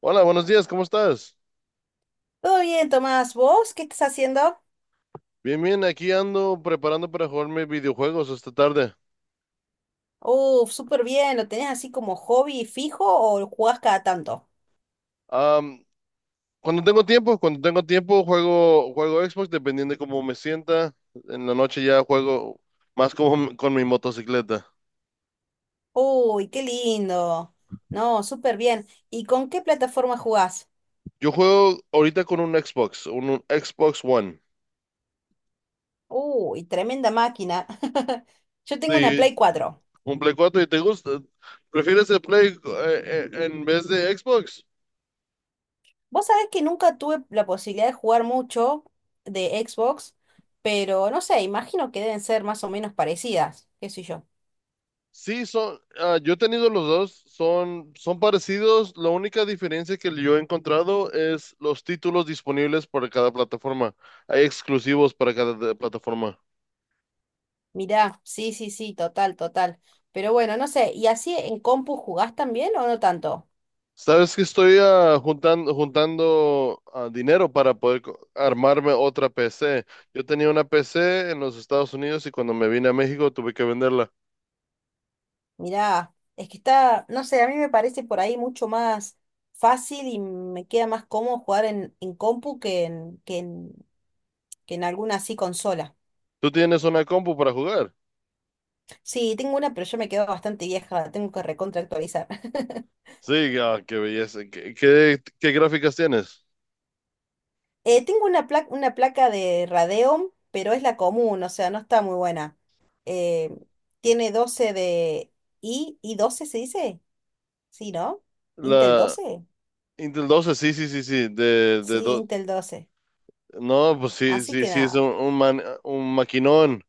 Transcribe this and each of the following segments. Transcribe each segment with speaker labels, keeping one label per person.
Speaker 1: Hola, buenos días, ¿cómo estás?
Speaker 2: Todo bien, Tomás. ¿Vos qué estás haciendo?
Speaker 1: Bien, bien, aquí ando preparando para jugarme videojuegos esta tarde.
Speaker 2: Uf, súper bien. ¿Lo tenés así como hobby fijo o lo jugás cada tanto?
Speaker 1: Am, cuando tengo tiempo juego Xbox dependiendo de cómo me sienta. En la noche ya juego más como con mi motocicleta.
Speaker 2: Uy, qué lindo. No, súper bien. ¿Y con qué plataforma jugás?
Speaker 1: Yo juego ahorita con un Xbox, un Xbox One.
Speaker 2: Uy, tremenda máquina. Yo tengo una
Speaker 1: Sí,
Speaker 2: Play 4.
Speaker 1: un Play 4 y te gusta. ¿Prefieres el Play en vez de Xbox?
Speaker 2: Vos sabés que nunca tuve la posibilidad de jugar mucho de Xbox, pero no sé, imagino que deben ser más o menos parecidas, qué sé yo.
Speaker 1: Sí, son, yo he tenido los dos, son parecidos. La única diferencia que yo he encontrado es los títulos disponibles para cada plataforma. Hay exclusivos para cada plataforma.
Speaker 2: Mirá, sí, sí, sí, total, total. Pero bueno, no sé, ¿y así en compu jugás también o no tanto?
Speaker 1: Sabes que estoy juntando dinero para poder armarme otra PC. Yo tenía una PC en los Estados Unidos y cuando me vine a México tuve que venderla.
Speaker 2: Mirá, es que está, no sé, a mí me parece por ahí mucho más fácil y me queda más cómodo jugar en compu que en alguna así consola.
Speaker 1: ¿Tú tienes una compu para jugar?
Speaker 2: Sí, tengo una, pero yo me quedo bastante vieja, la tengo que recontra actualizar.
Speaker 1: Sí, qué belleza. ¿Qué gráficas tienes?
Speaker 2: Tengo una placa de Radeon, pero es la común, o sea, no está muy buena. Eh, tiene 12 de y doce se dice? Sí, ¿no? Intel
Speaker 1: La,
Speaker 2: doce.
Speaker 1: Intel doce, sí, sí, sí, sí,
Speaker 2: Sí, Intel doce.
Speaker 1: No, pues sí,
Speaker 2: Así
Speaker 1: sí,
Speaker 2: que
Speaker 1: sí, es
Speaker 2: nada.
Speaker 1: un maquinón.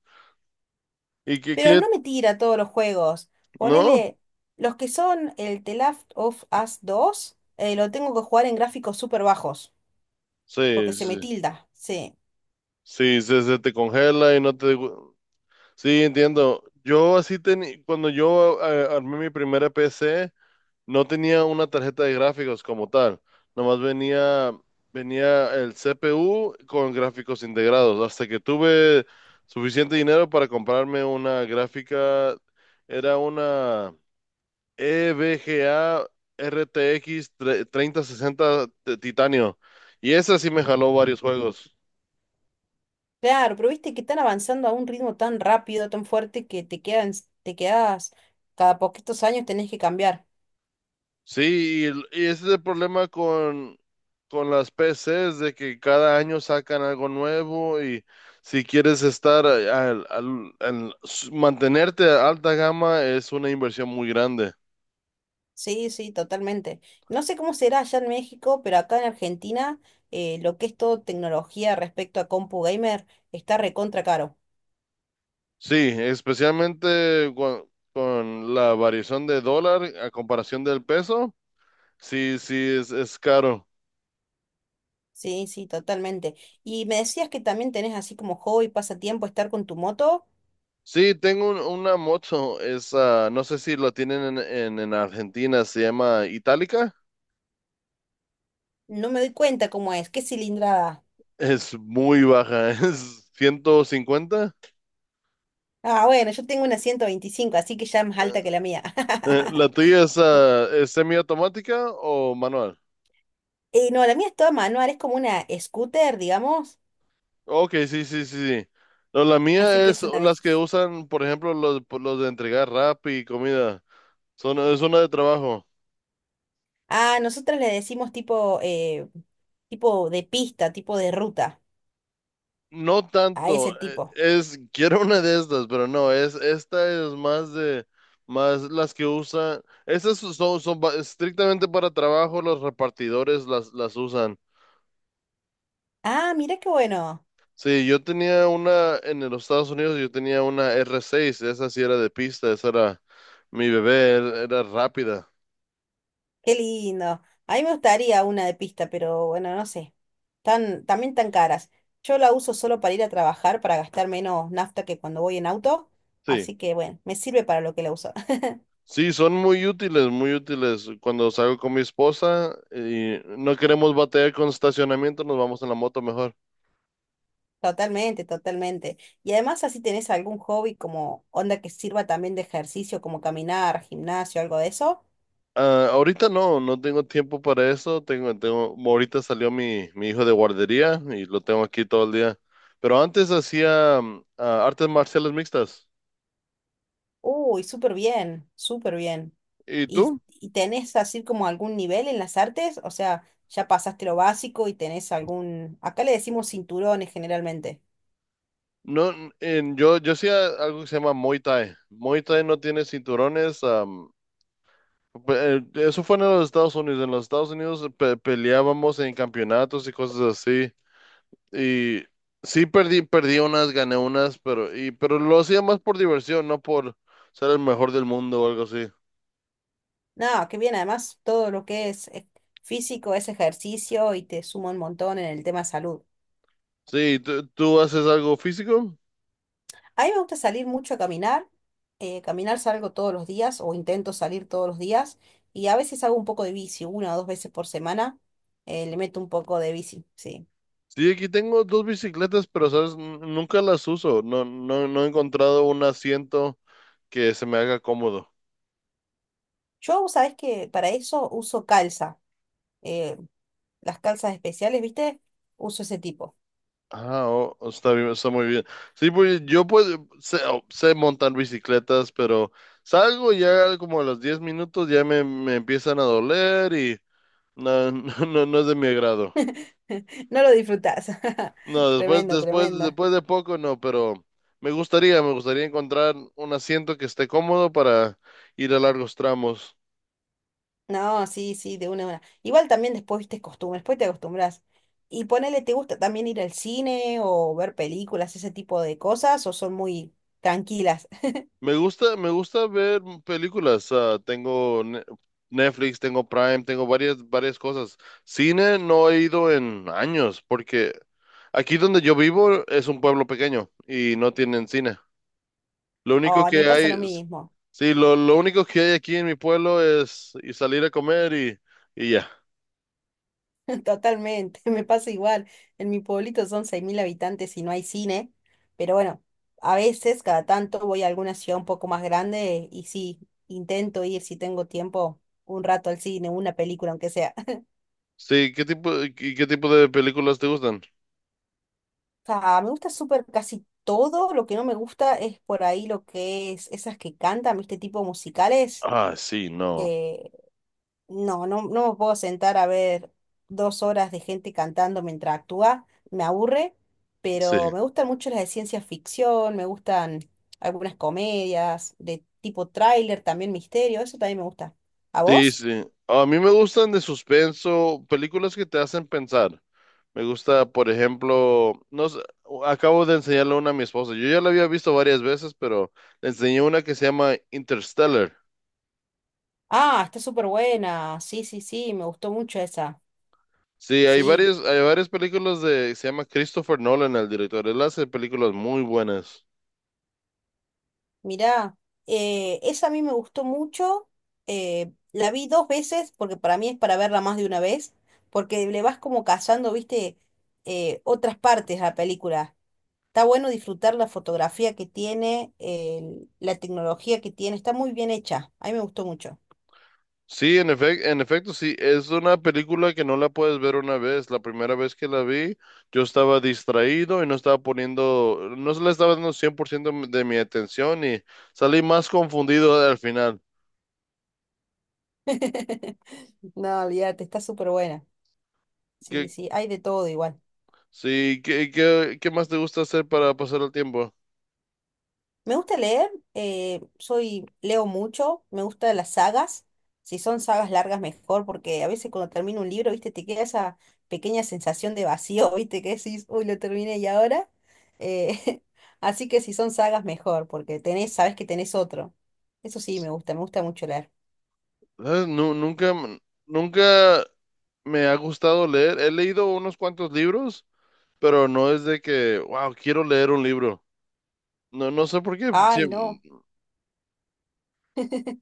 Speaker 1: ¿Y qué,
Speaker 2: Pero
Speaker 1: qué?
Speaker 2: no me tira todos los juegos.
Speaker 1: ¿No?
Speaker 2: Ponele los que son el The Last of Us dos, lo tengo que jugar en gráficos súper bajos,
Speaker 1: Sí,
Speaker 2: porque se me
Speaker 1: sí,
Speaker 2: tilda. Sí.
Speaker 1: sí, se te congela y no te. Sí, entiendo. Yo así tenía, cuando yo armé mi primera PC, no tenía una tarjeta de gráficos como tal. Nomás venía el CPU con gráficos integrados. Hasta que tuve suficiente dinero para comprarme una gráfica, era una EVGA RTX 3060 Titanio. Y esa sí me jaló varios juegos.
Speaker 2: Claro, pero viste que están avanzando a un ritmo tan rápido, tan fuerte, que te quedas, cada poquitos años tenés que cambiar.
Speaker 1: Sí, y ese es el problema con las PCs, de que cada año sacan algo nuevo y si quieres estar mantenerte a alta gama es una inversión muy grande.
Speaker 2: Sí, sí, totalmente. No sé cómo será allá en México, pero acá en Argentina, lo que es todo tecnología respecto a compu gamer está recontra caro.
Speaker 1: Sí, especialmente con la variación de dólar a comparación del peso, sí, sí, es caro.
Speaker 2: Sí, sí, totalmente. Y me decías que también tenés así como hobby, pasatiempo, estar con tu moto.
Speaker 1: Sí, tengo una moto, es, no sé si lo tienen en, en Argentina, se llama Itálica,
Speaker 2: No me doy cuenta cómo es. ¿Qué cilindrada?
Speaker 1: es muy baja, es 150.
Speaker 2: Ah, bueno, yo tengo una 125, así que ya es más alta que la mía.
Speaker 1: ¿La tuya es semiautomática o manual?
Speaker 2: No, la mía es toda manual, es como una scooter, digamos.
Speaker 1: Ok, sí, sí, sí, sí. No, la
Speaker 2: Así
Speaker 1: mía
Speaker 2: que
Speaker 1: es
Speaker 2: es una de
Speaker 1: las que
Speaker 2: esas.
Speaker 1: usan, por ejemplo, los de entregar rap y comida, son, es una de trabajo.
Speaker 2: Ah, nosotros le decimos tipo, tipo de pista, tipo de ruta,
Speaker 1: No
Speaker 2: a
Speaker 1: tanto,
Speaker 2: ese tipo.
Speaker 1: es, quiero una de estas, pero no, es, esta es más de, más las que usan, estas son, estrictamente para trabajo, los repartidores las usan.
Speaker 2: Ah, mira qué bueno,
Speaker 1: Sí, yo tenía una, en los Estados Unidos yo tenía una R6, esa sí era de pista, esa era mi bebé, era rápida.
Speaker 2: qué lindo. A mí me gustaría una de pista, pero bueno, no sé. También tan caras. Yo la uso solo para ir a trabajar, para gastar menos nafta que cuando voy en auto.
Speaker 1: Sí,
Speaker 2: Así que bueno, me sirve para lo que la uso.
Speaker 1: sí, son muy útiles, muy útiles. Cuando salgo con mi esposa y no queremos batear con estacionamiento, nos vamos en la moto mejor.
Speaker 2: Totalmente, totalmente. Y además así tenés algún hobby como onda que sirva también de ejercicio, como caminar, gimnasio, algo de eso.
Speaker 1: Ah, ahorita no, no tengo tiempo para eso. Ahorita salió mi hijo de guardería y lo tengo aquí todo el día. Pero antes hacía artes marciales mixtas.
Speaker 2: Uy, súper bien, súper bien.
Speaker 1: ¿Y
Speaker 2: ¿Y,
Speaker 1: tú?
Speaker 2: y tenés así como algún nivel en las artes? O sea, ya pasaste lo básico y tenés algún... Acá le decimos cinturones generalmente.
Speaker 1: No, yo hacía algo que se llama Muay Thai. Muay Thai no tiene cinturones. Eso fue en los Estados Unidos. En los Estados Unidos peleábamos en campeonatos y cosas así. Y sí perdí unas, gané unas, pero, pero lo hacía más por diversión, no por ser el mejor del mundo o algo así.
Speaker 2: No, qué bien, además todo lo que es, físico es ejercicio y te suma un montón en el tema salud.
Speaker 1: Sí, ¿tú haces algo físico?
Speaker 2: A mí me gusta salir mucho a caminar. Caminar salgo todos los días o intento salir todos los días y a veces hago un poco de bici, una o dos veces por semana. Le meto un poco de bici, sí.
Speaker 1: Sí, aquí tengo dos bicicletas, pero sabes, nunca las uso. No, no, no he encontrado un asiento que se me haga cómodo.
Speaker 2: Yo, sabes que para eso uso calza, eh, las calzas especiales, ¿viste? Uso ese tipo.
Speaker 1: Ah, oh, oh, está bien, está muy bien. Sí, pues yo pues sé montar bicicletas, pero salgo y ya como a los 10 minutos ya me empiezan a doler y no, no, no es de mi agrado.
Speaker 2: No lo disfrutás.
Speaker 1: No,
Speaker 2: Tremendo, tremendo.
Speaker 1: después de poco no, pero me gustaría encontrar un asiento que esté cómodo para ir a largos tramos.
Speaker 2: No, sí, sí, de una a una. Igual también después, viste, costumbres, después te acostumbras. Y ponele, ¿te gusta también ir al cine o ver películas, ese tipo de cosas, o son muy tranquilas?
Speaker 1: Me gusta ver películas. Tengo Netflix, tengo Prime, tengo varias cosas. Cine no he ido en años, porque aquí donde yo vivo es un pueblo pequeño y no tienen cine. Lo único
Speaker 2: Ay, me
Speaker 1: que hay,
Speaker 2: pasa lo
Speaker 1: es-
Speaker 2: mismo.
Speaker 1: Sí, lo único que hay aquí en mi pueblo es y salir a comer y ya.
Speaker 2: Totalmente, me pasa igual. En mi pueblito son 6.000 habitantes y no hay cine, pero bueno, a veces, cada tanto, voy a alguna ciudad un poco más grande y sí, intento ir si tengo tiempo un rato al cine, una película, aunque sea.
Speaker 1: Sí, ¿qué tipo de películas te gustan?
Speaker 2: Ah, me gusta súper casi todo, lo que no me gusta es por ahí lo que es esas que cantan, ¿viste? Tipo musicales.
Speaker 1: Ah, sí, no.
Speaker 2: No, no, no me puedo sentar a ver dos horas de gente cantando mientras actúa, me aburre,
Speaker 1: Sí.
Speaker 2: pero me gustan mucho las de ciencia ficción, me gustan algunas comedias de tipo tráiler, también misterio, eso también me gusta. ¿A
Speaker 1: Sí,
Speaker 2: vos?
Speaker 1: sí. A mí me gustan de suspenso, películas que te hacen pensar. Me gusta, por ejemplo, no sé, acabo de enseñarle una a mi esposa. Yo ya la había visto varias veces, pero le enseñé una que se llama Interstellar.
Speaker 2: Ah, está súper buena, sí, sí, sí, me gustó mucho esa,
Speaker 1: Sí, hay
Speaker 2: sí.
Speaker 1: varias, hay varias películas se llama Christopher Nolan, el director. Él hace películas muy buenas.
Speaker 2: Mirá, esa a mí me gustó mucho. La vi dos veces, porque para mí es para verla más de una vez, porque le vas como cazando, viste, otras partes a la película. Está bueno disfrutar la fotografía que tiene, la tecnología que tiene, está muy bien hecha. A mí me gustó mucho.
Speaker 1: Sí, en efecto, sí, es una película que no la puedes ver una vez. La primera vez que la vi, yo estaba distraído y no estaba poniendo, no se le estaba dando 100% de mi atención y salí más confundido al final.
Speaker 2: No, olvídate, está súper buena. Sí,
Speaker 1: ¿Qué,
Speaker 2: sí, hay de todo igual.
Speaker 1: sí, qué, qué, qué más te gusta hacer para pasar el tiempo?
Speaker 2: Me gusta leer, soy, leo mucho, me gustan las sagas. Si son sagas largas, mejor, porque a veces cuando termino un libro, viste, te queda esa pequeña sensación de vacío, viste, que decís, uy, lo terminé y ahora. Eh, Así que si son sagas, mejor, porque tenés, sabés que tenés otro. Eso sí, me gusta mucho leer.
Speaker 1: ¿Sabes? Nunca me ha gustado leer. He leído unos cuantos libros, pero no es de que, wow, quiero leer un libro. No, no sé por qué. Sí,
Speaker 2: Ay, no.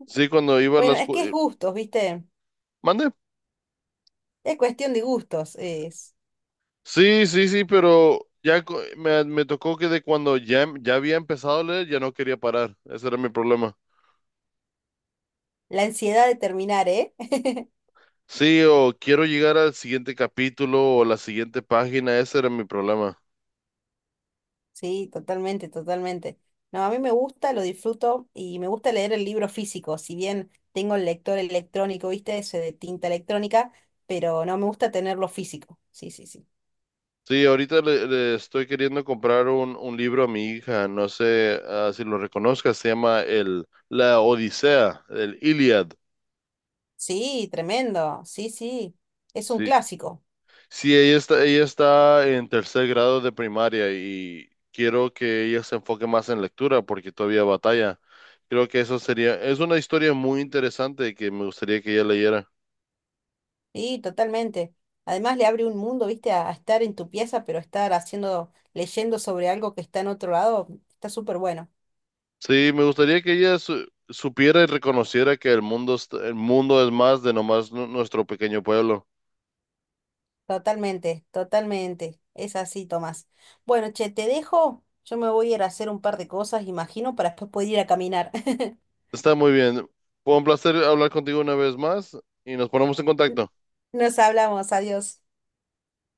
Speaker 1: sí, cuando iba a la
Speaker 2: Bueno, es que es
Speaker 1: escuela.
Speaker 2: gustos, viste. Es cuestión de gustos. Es
Speaker 1: Sí, sí, sí, pero ya me tocó que de cuando ya, ya había empezado a leer, ya no quería parar. Ese era mi problema.
Speaker 2: la ansiedad de terminar, ¿eh?
Speaker 1: Sí, o quiero llegar al siguiente capítulo o la siguiente página, ese era mi problema.
Speaker 2: Sí, totalmente, totalmente. No, a mí me gusta, lo disfruto y me gusta leer el libro físico, si bien tengo el lector electrónico, ¿viste? Ese de tinta electrónica, pero no me gusta tenerlo físico. Sí, sí, sí.
Speaker 1: Sí, ahorita le estoy queriendo comprar un libro a mi hija, no sé si lo reconozcas, se llama La Odisea, el Iliad.
Speaker 2: Sí, tremendo. Sí, sí. Es un
Speaker 1: Sí,
Speaker 2: clásico.
Speaker 1: sí, ella está en tercer grado de primaria y quiero que ella se enfoque más en lectura porque todavía batalla. Creo que eso sería, es una historia muy interesante que me gustaría que ella leyera.
Speaker 2: Sí, totalmente. Además le abre un mundo, ¿viste? A estar en tu pieza, pero estar haciendo, leyendo sobre algo que está en otro lado, está súper bueno.
Speaker 1: Sí, me gustaría que ella supiera y reconociera que el mundo, el mundo es más de nomás nuestro pequeño pueblo.
Speaker 2: Totalmente, totalmente. Es así, Tomás. Bueno, che, te dejo. Yo me voy a ir a hacer un par de cosas, imagino, para después poder ir a caminar.
Speaker 1: Está muy bien. Fue un placer hablar contigo una vez más y nos ponemos en contacto.
Speaker 2: Nos hablamos, adiós.